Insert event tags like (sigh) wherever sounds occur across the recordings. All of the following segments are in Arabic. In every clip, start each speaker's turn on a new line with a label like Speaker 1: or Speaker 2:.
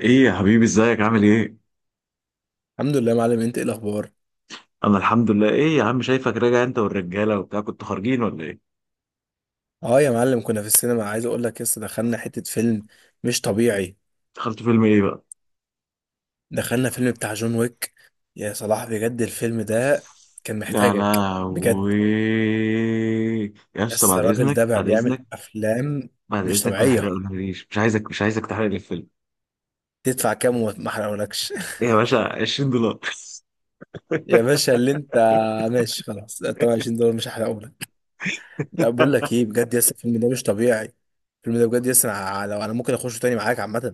Speaker 1: ايه يا حبيبي، ازيك عامل ايه؟
Speaker 2: الحمد لله يا معلم، انت ايه الاخبار؟
Speaker 1: انا الحمد لله. ايه يا عم، شايفك راجع انت والرجاله وبتاع، كنتوا خارجين ولا ايه؟
Speaker 2: اه يا معلم، كنا في السينما. عايز اقول لك لسه دخلنا حتة فيلم مش طبيعي.
Speaker 1: دخلتوا فيلم ايه بقى؟
Speaker 2: دخلنا فيلم بتاع جون ويك. يا صلاح بجد الفيلم ده كان
Speaker 1: يا
Speaker 2: محتاجك بجد.
Speaker 1: لهوي. يا اسطى
Speaker 2: بس
Speaker 1: بعد
Speaker 2: الراجل
Speaker 1: اذنك
Speaker 2: ده بقى
Speaker 1: بعد
Speaker 2: بيعمل
Speaker 1: اذنك.
Speaker 2: افلام
Speaker 1: بعد
Speaker 2: مش
Speaker 1: اذنك ما
Speaker 2: طبيعية.
Speaker 1: تحرقليش، مش عايزك مش عايزك تحرق لي الفيلم.
Speaker 2: تدفع كام وما احرقهولكش؟
Speaker 1: ايه يا باشا، 20 دولار.
Speaker 2: (laughs) يا باشا اللي انت،
Speaker 1: (laughs)
Speaker 2: ماشي خلاص 23 دولار مش هحرقهولك. لا بقول لك ايه بجد يس، الفيلم ده مش طبيعي. الفيلم ده بجد يس، انا لو انا ممكن اخشه تاني معاك عامة.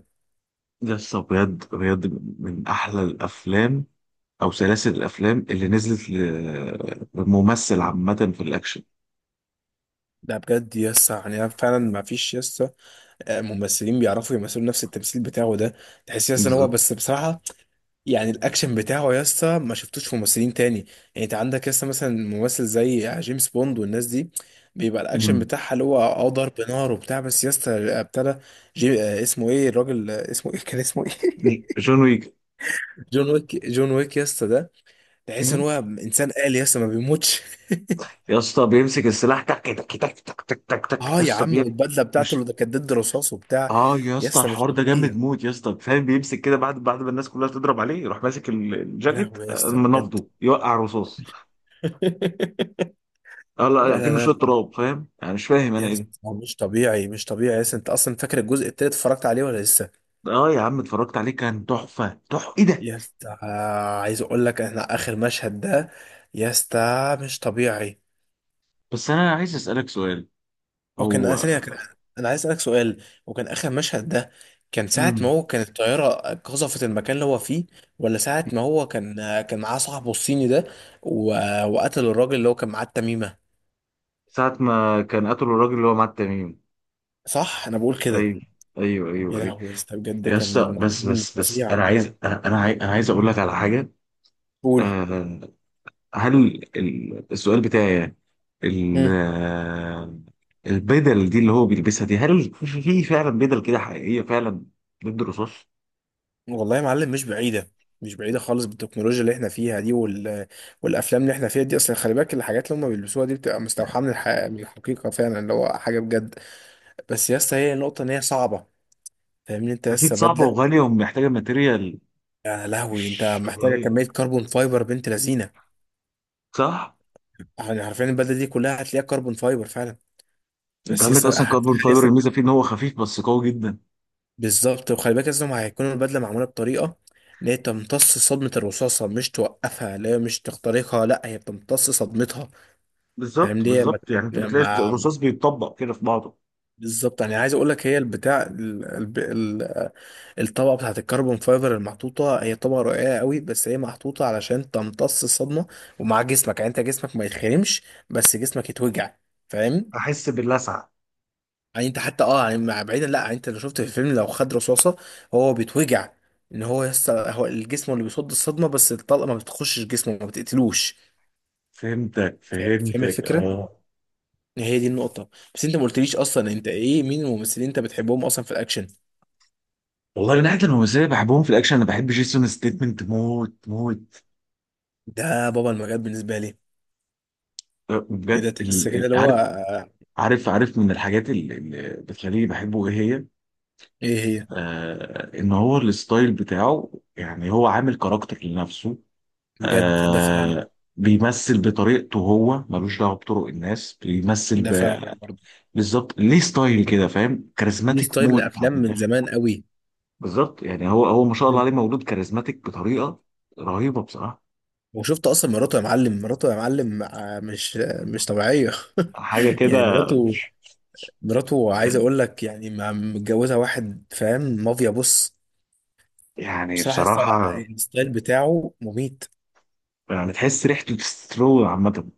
Speaker 1: يا اسطى بجد بجد، من احلى الافلام او سلاسل الافلام اللي نزلت لممثل، عامه في الاكشن.
Speaker 2: لا بجد يس، يعني أنا فعلا ما فيش يس ممثلين بيعرفوا يمثلوا نفس التمثيل بتاعه ده. تحس يا اسطى ان هو
Speaker 1: بالظبط.
Speaker 2: بس بصراحه، يعني الاكشن بتاعه يا اسطى ما شفتوش في ممثلين تاني. يعني انت عندك يا اسطى مثلا ممثل زي جيمس بوند والناس دي، بيبقى الاكشن
Speaker 1: مم.
Speaker 2: بتاعها اللي هو اه ضرب نار وبتاع. بس يا اسطى ابتدى جي... آه، اسمه ايه الراجل، اسمه ايه (laughs) كان اسمه ايه؟
Speaker 1: جون ويك.
Speaker 2: (laughs) جون ويك، جون ويك يا اسطى ده تحس ان هو انسان آلي يا اسطى ما بيموتش.
Speaker 1: يا اسطى بيمسك السلاح تك تك تك تك تك تك
Speaker 2: (laughs)
Speaker 1: تك، يا
Speaker 2: اه يا
Speaker 1: اسطى
Speaker 2: عم، والبدله بتاعته
Speaker 1: مش
Speaker 2: اللي كانت ضد رصاص وبتاع،
Speaker 1: اه يا
Speaker 2: يا
Speaker 1: اسطى،
Speaker 2: اسطى مش
Speaker 1: الحوار ده جامد
Speaker 2: طبيعيه.
Speaker 1: موت يا اسطى، فاهم بيمسك كده بعد ما الناس كلها تضرب عليه، يروح ماسك
Speaker 2: يا
Speaker 1: الجاكيت،
Speaker 2: لهوي يا اسطى بجد.
Speaker 1: منفضه يوقع رصاص.
Speaker 2: (laughs)
Speaker 1: اه
Speaker 2: لا
Speaker 1: لا، كأنه
Speaker 2: لا
Speaker 1: شويه
Speaker 2: لا،
Speaker 1: تراب، فاهم يعني؟ مش فاهم انا
Speaker 2: يس
Speaker 1: ايه
Speaker 2: هو مش طبيعي، مش طبيعي يس. انت اصلا فاكر الجزء التالت اتفرجت عليه ولا لسه؟
Speaker 1: ده. اه يا عم، اتفرجت عليه كان تحفه تحفه. ايه ده.
Speaker 2: يس، عايز اقول لك احنا اخر مشهد ده يس ده مش طبيعي.
Speaker 1: بس انا عايز اسالك سؤال.
Speaker 2: وكان
Speaker 1: هو
Speaker 2: ثانية كان، انا عايز اسالك سؤال. وكان اخر مشهد ده، كان ساعة ما
Speaker 1: امم
Speaker 2: هو كان الطيارة قذفت المكان اللي هو فيه، ولا ساعة ما هو كان كان معاه صاحبه الصيني ده و... وقتل الراجل اللي هو كان معاه التميمة.
Speaker 1: ساعه ما كان قتلوا الراجل اللي هو مع التميم.
Speaker 2: صح؟ انا بقول كده.
Speaker 1: ايوه، ايوه ايوه
Speaker 2: يا
Speaker 1: ايوه.
Speaker 2: لهوي يا اسطى بجد
Speaker 1: يا اسطى
Speaker 2: كان
Speaker 1: بس
Speaker 2: فيلم
Speaker 1: بس بس،
Speaker 2: فظيع.
Speaker 1: انا عايز انا انا عايز, أنا عايز اقول لك على حاجه.
Speaker 2: قول.
Speaker 1: آه، هل السؤال بتاعي يعني ال- آه، البدل دي اللي هو بيلبسها دي، هل في فعلا بدل كده حقيقية فعلا ضد الرصاص؟
Speaker 2: والله يا معلم مش بعيدة، مش بعيدة خالص بالتكنولوجيا اللي احنا فيها دي والأفلام اللي احنا فيها دي أصلا. خلي بالك الحاجات اللي هم بيلبسوها دي بتبقى مستوحاة من من الحقيقة فعلا، اللي هو حاجة بجد. بس يا اسطى هي النقطة إن هي صعبة. فاهمني أنت؟
Speaker 1: أكيد
Speaker 2: لسه
Speaker 1: صعبة
Speaker 2: بدلة،
Speaker 1: وغالية ومحتاجة ماتيريال.
Speaker 2: يا لهوي أنت
Speaker 1: مش
Speaker 2: محتاجة
Speaker 1: طبيعية.
Speaker 2: كمية كربون فايبر بنت لذينة.
Speaker 1: صح؟
Speaker 2: يعني حرفيا البدلة دي كلها هتلاقيها كربون فايبر فعلا.
Speaker 1: أنت
Speaker 2: بس يا
Speaker 1: عندك
Speaker 2: اسطى
Speaker 1: أصلا كاربون
Speaker 2: هتلاقي
Speaker 1: فايبر،
Speaker 2: نفسك-
Speaker 1: الميزة فيه إن هو خفيف بس قوي جدا.
Speaker 2: بالظبط. وخلي بالك لازم هيكون البدلة معمولة بطريقة ان هي تمتص صدمة الرصاصة، مش توقفها لا، مش تخترقها لا، هي بتمتص صدمتها. فاهم؟
Speaker 1: بالظبط
Speaker 2: دي ما-
Speaker 1: بالظبط، يعني أنت
Speaker 2: يعني
Speaker 1: بتلاقي
Speaker 2: ما-
Speaker 1: الرصاص بيتطبق كده في بعضه.
Speaker 2: بالظبط. يعني عايز اقول لك هي البتاع الطبقه بتاعت الكربون فايبر المحطوطه، هي طبقه رقيقه قوي بس هي محطوطه علشان تمتص الصدمه. ومع جسمك، يعني انت جسمك ما يتخرمش، بس جسمك يتوجع. فاهم؟
Speaker 1: أحس باللسعة.
Speaker 2: يعني انت حتى اه يعني بعيدا، لا يعني انت لو شفت في الفيلم لو خد رصاصه هو بيتوجع. ان هو يس هو الجسم اللي بيصد الصدمه، بس الطلقه ما بتخشش جسمه، ما بتقتلوش.
Speaker 1: فهمتك
Speaker 2: فاهم؟ فاهم
Speaker 1: فهمتك
Speaker 2: الفكره،
Speaker 1: أه.
Speaker 2: هي دي النقطة. بس انت ما قلتليش اصلا انت ايه، مين الممثلين انت بتحبهم اصلا في الاكشن؟
Speaker 1: والله من ناحية الممثلين اللي بحبهم في الأكشن، أنا بحب جيسون ستيتمنت موت موت.
Speaker 2: ده بابا المجال بالنسبة لي.
Speaker 1: أه،
Speaker 2: ايه ده،
Speaker 1: بجد
Speaker 2: تحس كده اللي هو،
Speaker 1: عارف. عارف عارف، من الحاجات اللي بتخليني بحبه ايه هي.
Speaker 2: ايه هي؟
Speaker 1: آه ان هو الستايل بتاعه، يعني هو عامل كاركتر لنفسه.
Speaker 2: بجد ده فعلا.
Speaker 1: آه بيمثل بطريقته، هو ملوش دعوه بطرق الناس، بيمثل
Speaker 2: ده فعلا برضه.
Speaker 1: بالظبط. ليه ستايل كده، فاهم،
Speaker 2: ليه
Speaker 1: كاريزماتيك
Speaker 2: ستايل من
Speaker 1: موت.
Speaker 2: الافلام
Speaker 1: من
Speaker 2: من
Speaker 1: الاخر.
Speaker 2: زمان قوي.
Speaker 1: بالظبط، يعني هو هو ما شاء الله
Speaker 2: مم.
Speaker 1: عليه، مولود كاريزماتيك بطريقه رهيبه بصراحه.
Speaker 2: وشفت اصلا مراته يا معلم؟ مراته يا معلم مش مش طبيعية
Speaker 1: حاجه
Speaker 2: (laughs)
Speaker 1: كده.
Speaker 2: يعني مراته. مراته عايز اقول لك يعني متجوزة واحد فاهم مافيا. بص
Speaker 1: يعني
Speaker 2: بصراحة
Speaker 1: بصراحه،
Speaker 2: الستايل بتاعه مميت.
Speaker 1: يعني تحس ريحته تسترو عامه.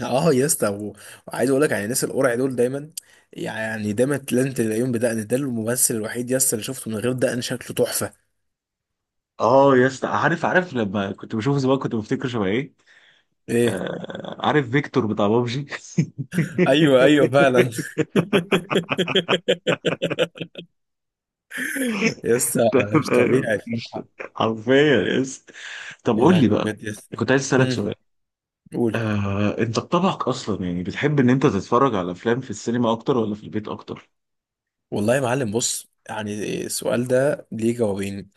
Speaker 2: اه يا اسطى وعايز اقول لك يعني الناس القرع دول دايما، يعني دايما لازم تلاقيهم بدقن. ده الممثل الوحيد يا اسطى اللي شفته من غير دقن شكله تحفه.
Speaker 1: اه يا اسطى عارف عارف، لما كنت بشوفه زمان كنت بفتكر شبه ايه.
Speaker 2: ايه؟
Speaker 1: آه، عارف فيكتور بتاع بابجي. (laughs)
Speaker 2: ايوه ايوه فعلا. (laughs) يا اسطى مش
Speaker 1: تمام،
Speaker 2: طبيعي بصراحه.
Speaker 1: حرفيا يا اسطى. طب
Speaker 2: يا
Speaker 1: قول لي
Speaker 2: لهوي
Speaker 1: بقى،
Speaker 2: بجد يا اسطى.
Speaker 1: كنت عايز اسالك
Speaker 2: امم.
Speaker 1: سؤال.
Speaker 2: قول.
Speaker 1: انت بطبعك اصلا يعني بتحب ان انت تتفرج على افلام في السينما اكتر ولا في البيت اكتر؟
Speaker 2: والله يا معلم بص، يعني السؤال ده ليه جوابين.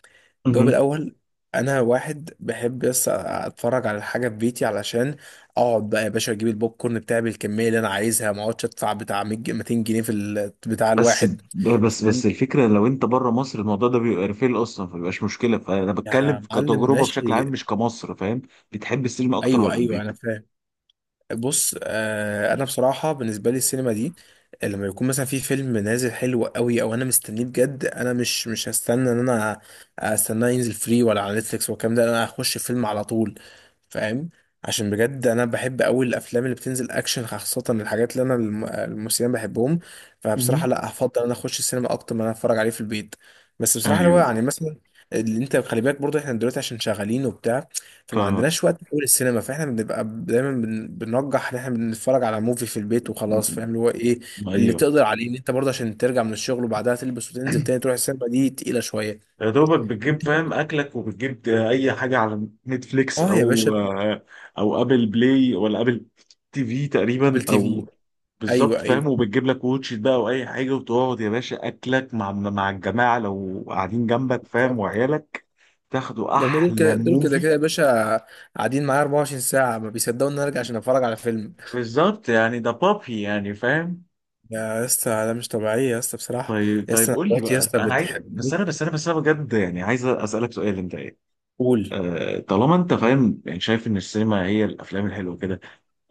Speaker 2: الجواب
Speaker 1: مهم.
Speaker 2: الاول، انا واحد بحب بس اتفرج على الحاجه في بيتي، علشان اقعد بقى يا باشا اجيب البوب كورن بتاعي بالكميه اللي انا عايزها، ما اقعدش ادفع بتاع 100 جنيه- 200 جنيه في بتاع
Speaker 1: بس
Speaker 2: الواحد.
Speaker 1: بس
Speaker 2: فاهم
Speaker 1: بس الفكره، لو انت بره مصر الموضوع ده بيبقى ريفيل اصلا فمبيبقاش مشكله، فانا بتكلم
Speaker 2: يا معلم؟
Speaker 1: كتجربه بشكل عام
Speaker 2: ماشي.
Speaker 1: مش كمصر، فاهم؟ بتحب السينما اكتر
Speaker 2: ايوه
Speaker 1: ولا
Speaker 2: ايوه
Speaker 1: البيت؟
Speaker 2: انا فاهم. بص آه انا بصراحه بالنسبه لي السينما دي، لما يكون مثلا في فيلم نازل حلو قوي او انا مستنيه بجد، انا مش هستنى ان انا استناه ينزل فري ولا على نتفليكس والكلام ده، انا هخش فيلم على طول. فاهم؟ عشان بجد انا بحب قوي الافلام اللي بتنزل اكشن خاصه الحاجات اللي انا الممثلين بحبهم.
Speaker 1: مهم.
Speaker 2: فبصراحه لا، هفضل ان انا اخش السينما اكتر من ان انا اتفرج عليه في البيت. بس بصراحه اللي هو
Speaker 1: ايوه.
Speaker 2: يعني مثلا، اللي انت خلي بالك برضه احنا دلوقتي عشان شغالين وبتاع، فما
Speaker 1: فاهمك.
Speaker 2: عندناش وقت نقول السينما. فاحنا بنبقى دايما بنرجح ان احنا بنتفرج على موفي في البيت وخلاص.
Speaker 1: م-
Speaker 2: فاهم اللي هو ايه اللي
Speaker 1: ايوه.
Speaker 2: تقدر عليه ان انت برضه؟ عشان ترجع من الشغل وبعدها تلبس وتنزل تاني تروح السينما دي تقيلة شوية.
Speaker 1: يا دوبك بتجيب فاهم اكلك، وبتجيب اي حاجه على نتفليكس
Speaker 2: اه يا
Speaker 1: او
Speaker 2: باشا.
Speaker 1: او ابل بلاي ولا ابل تي في
Speaker 2: ابل
Speaker 1: تقريبا،
Speaker 2: تي في.
Speaker 1: او بالظبط،
Speaker 2: ايوه ايوه
Speaker 1: فاهم، وبتجيب لك واتش إت بقى او اي حاجه، وتقعد يا باشا اكلك مع الجماعه لو قاعدين جنبك، فاهم،
Speaker 2: بالظبط.
Speaker 1: وعيالك تاخدوا
Speaker 2: هم دول
Speaker 1: احلى
Speaker 2: كده، دول كده
Speaker 1: موفي.
Speaker 2: كده يا باشا قاعدين معايا 24 ساعة ما بيصدقوا ان انا ارجع عشان اتفرج على فيلم.
Speaker 1: بالظبط، يعني ده بابي، يعني فاهم.
Speaker 2: يا اسطى ده مش طبيعية يا اسطى بصراحة.
Speaker 1: طيب
Speaker 2: يا
Speaker 1: طيب
Speaker 2: اسطى أنا
Speaker 1: قول لي
Speaker 2: مراتي يا
Speaker 1: بقى،
Speaker 2: اسطى
Speaker 1: انا عايز بس
Speaker 2: بتحب.
Speaker 1: انا بجد يعني عايز اسالك سؤال انت.
Speaker 2: قول.
Speaker 1: طالما انت فاهم يعني، شايف ان السينما هي الافلام الحلوه كده.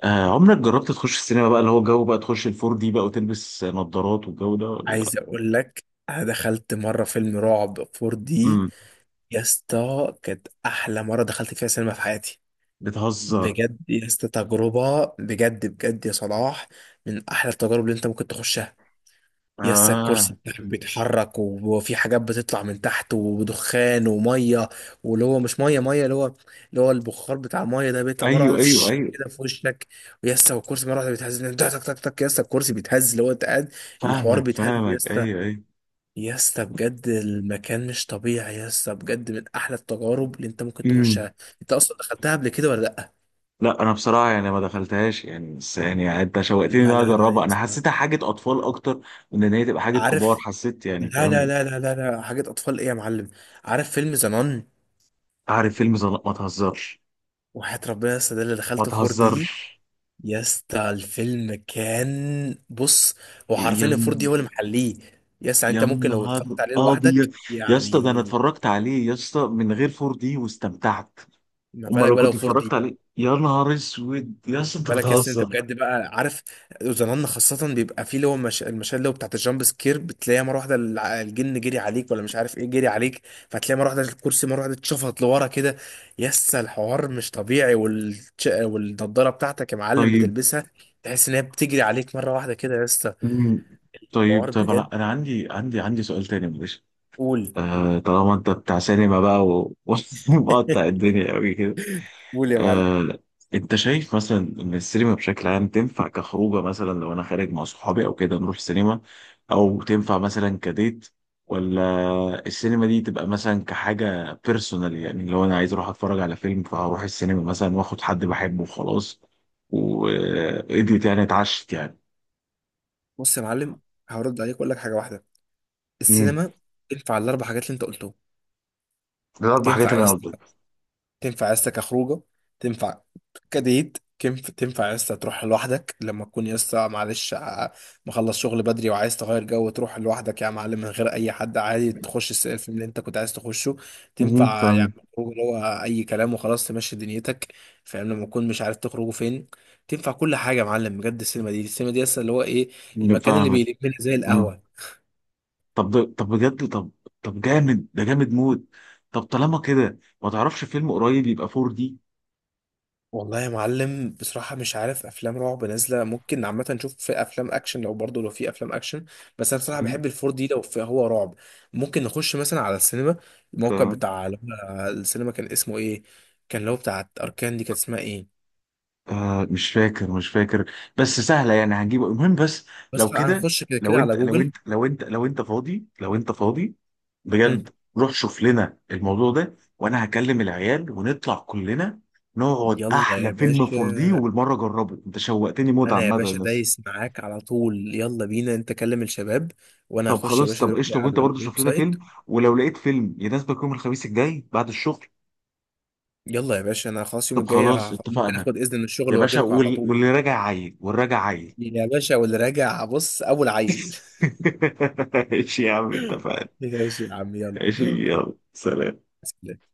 Speaker 1: عمرك جربت تخش السينما بقى، اللي هو الجو بقى، تخش الفور دي بقى وتلبس نظارات والجو ده ولا؟
Speaker 2: عايز اقول لك، انا دخلت مرة فيلم رعب 4 دي.
Speaker 1: امم.
Speaker 2: يا اسطى كانت احلى مره دخلت فيها سينما في حياتي.
Speaker 1: بتهزر.
Speaker 2: بجد يا اسطى تجربه بجد بجد يا صلاح، من احلى التجارب اللي انت ممكن تخشها. يا اسطى
Speaker 1: اه
Speaker 2: الكرسي بتاعك بيتحرك، وفي حاجات بتطلع من تحت، ودخان وميه، واللي هو مش ميه ميه، اللي هو اللي هو البخار بتاع الميه ده، بيطلع مره
Speaker 1: ايوه
Speaker 2: واحده
Speaker 1: ايوه
Speaker 2: فش
Speaker 1: ايوه.
Speaker 2: كده في وشك. ويا اسطى والكرسي مره واحده بيتهز تك تك تك تك. يا اسطى الكرسي بيتهز اللي هو انت قاعد، الحوار
Speaker 1: فاهمك
Speaker 2: بيتهز يا
Speaker 1: فاهمك
Speaker 2: اسطى.
Speaker 1: ايوه ايوه.
Speaker 2: يا اسطى بجد المكان مش طبيعي يا اسطى بجد، من احلى التجارب اللي انت ممكن
Speaker 1: امم.
Speaker 2: تخشها. انت اصلا دخلتها قبل كده ولا لا؟
Speaker 1: لا انا بصراحه يعني ما دخلتهاش، يعني بس يعني انت شوقتني ان
Speaker 2: لا
Speaker 1: انا
Speaker 2: لا لا
Speaker 1: اجربها،
Speaker 2: يا
Speaker 1: انا
Speaker 2: اسطى.
Speaker 1: حسيتها حاجه اطفال اكتر من ان هي تبقى حاجه كبار،
Speaker 2: عارف،
Speaker 1: حسيت يعني
Speaker 2: لا لا
Speaker 1: فاهم.
Speaker 2: لا لا لا لا، حاجة أطفال إيه يا معلم؟ عارف فيلم زنان؟
Speaker 1: عارف فيلم زنق، ما تهزرش.
Speaker 2: وحياة ربنا يا اسطى ده اللي
Speaker 1: ما
Speaker 2: دخلته 4 دي.
Speaker 1: تهزرش.
Speaker 2: يا اسطى الفيلم كان بص، هو حرفيا
Speaker 1: يلا.
Speaker 2: 4 دي هو اللي محليه. يا اسطى يعني
Speaker 1: يا
Speaker 2: أنت ممكن لو
Speaker 1: نهار
Speaker 2: اتفرجت عليه لوحدك
Speaker 1: ابيض، يا اسطى ده انا
Speaker 2: يعني،
Speaker 1: اتفرجت عليه يا اسطى من غير 4 دي واستمتعت.
Speaker 2: ما
Speaker 1: امال
Speaker 2: بالك
Speaker 1: لو
Speaker 2: بقى لو
Speaker 1: كنت
Speaker 2: 4
Speaker 1: اتفرجت
Speaker 2: دي؟
Speaker 1: عليه، يا نهار اسود، يا اسطى انت
Speaker 2: بالك يا اسطى انت
Speaker 1: بتهزر.
Speaker 2: بجد بقى عارف، زمان خاصة بيبقى فيه اللي هو المشاهد اللي هو بتاعت الجامب سكير، بتلاقيها مرة واحدة الجن جري عليك ولا مش عارف ايه جري عليك. فتلاقي مرة واحدة الكرسي مرة واحدة اتشفط لورا كده. يا اسطى الحوار مش طبيعي والنضارة بتاعتك يا معلم
Speaker 1: طيب.
Speaker 2: بتلبسها، تحس ان هي بتجري عليك مرة واحدة كده يا اسطى.
Speaker 1: مم.
Speaker 2: حوار
Speaker 1: طيب طيب انا
Speaker 2: بجد.
Speaker 1: انا عندي عندي سؤال تاني معلش.
Speaker 2: قول.
Speaker 1: آه طالما انت بتاع سينما بقى (laughs) ومقطع
Speaker 2: (laughs)
Speaker 1: الدنيا قوي كده.
Speaker 2: قول يا معلم.
Speaker 1: آه، انت شايف مثلا ان السينما بشكل عام تنفع كخروجه، مثلا لو انا خارج مع صحابي او كده نروح سينما، او تنفع مثلا كديت، ولا السينما دي تبقى مثلا كحاجه بيرسونال، يعني لو انا عايز اروح اتفرج على فيلم فهروح السينما مثلا واخد حد بحبه وخلاص، واديت يعني اتعشت يعني.
Speaker 2: بص يا معلم هرد عليك واقول لك حاجة واحدة.
Speaker 1: امم.
Speaker 2: السينما تنفع الاربع حاجات اللي انت قلتهم.
Speaker 1: ده الاربع حاجات
Speaker 2: تنفع يا
Speaker 1: اللي انا
Speaker 2: اسطى،
Speaker 1: قلتها.
Speaker 2: تنفع عيلتك كخروجه، تنفع كديت تنفع عيلتك، تروح لوحدك لما تكون لسه معلش مخلص شغل بدري وعايز تغير جو، تروح لوحدك يا معلم من غير اي حد عادي، تخش الفيلم اللي انت كنت عايز تخشه. تنفع يعني
Speaker 1: فاهم.
Speaker 2: خروج اللي هو اي كلام وخلاص تمشي دنيتك، فاهم، لما تكون مش عارف تخرجوا فين. تنفع كل حاجه يا معلم بجد. السينما دي، السينما دي لسه اللي هو ايه، المكان اللي
Speaker 1: فاهمك.
Speaker 2: بيلمنا زي القهوه.
Speaker 1: طب طب بجد طب، طب جامد ده جامد موت. طب طالما كده، ما تعرفش فيلم قريب يبقى 4 دي؟
Speaker 2: والله يا معلم بصراحة مش عارف، أفلام رعب نازلة ممكن عامة، نشوف في أفلام أكشن لو برضه لو في أفلام أكشن. بس أنا بصراحة بحب الفور دي لو في هو رعب. ممكن نخش مثلا على السينما،
Speaker 1: ف...
Speaker 2: الموقع بتاع اللي هو السينما، كان اسمه إيه؟ كان اللي هو بتاعت أركان دي، كانت اسمها إيه؟
Speaker 1: آه مش فاكر مش فاكر، بس سهله يعني هنجيبه، المهم بس.
Speaker 2: بس
Speaker 1: لو
Speaker 2: خلاص
Speaker 1: كده،
Speaker 2: هنخش كده
Speaker 1: لو
Speaker 2: كده
Speaker 1: انت
Speaker 2: على
Speaker 1: لو
Speaker 2: جوجل.
Speaker 1: انت لو انت لو انت فاضي لو انت فاضي بجد،
Speaker 2: مم.
Speaker 1: روح شوف لنا الموضوع ده وانا هكلم العيال ونطلع كلنا نقعد
Speaker 2: يلا
Speaker 1: احلى
Speaker 2: يا
Speaker 1: فيلم
Speaker 2: باشا.
Speaker 1: 4 دي، وبالمره جربه، انت شوقتني موت
Speaker 2: أنا يا
Speaker 1: عامه يا
Speaker 2: باشا
Speaker 1: ناس.
Speaker 2: دايس معاك على طول، يلا بينا، أنت كلم الشباب وأنا
Speaker 1: طب
Speaker 2: هخش يا
Speaker 1: خلاص،
Speaker 2: باشا
Speaker 1: طب
Speaker 2: دلوقتي
Speaker 1: قشطه، وانت
Speaker 2: على
Speaker 1: برضه
Speaker 2: الويب
Speaker 1: شوف لنا
Speaker 2: سايت.
Speaker 1: فيلم، ولو لقيت فيلم يناسبك يوم الخميس الجاي بعد الشغل.
Speaker 2: يلا يا باشا. أنا خلاص يوم
Speaker 1: طب
Speaker 2: الجاي
Speaker 1: خلاص
Speaker 2: ممكن
Speaker 1: اتفقنا.
Speaker 2: آخد إذن من الشغل
Speaker 1: يا باشا،
Speaker 2: وأجيلكوا على طول.
Speaker 1: واللي راجع عايل والراجع عايل.
Speaker 2: يا باشا واللي راجع بص أول عيل.
Speaker 1: (laughs) ماشي يا عم
Speaker 2: (laughs)
Speaker 1: اتفقنا.
Speaker 2: ماشي يا عم. يلا.
Speaker 1: ماشي يلا، سلام.
Speaker 2: (laughs)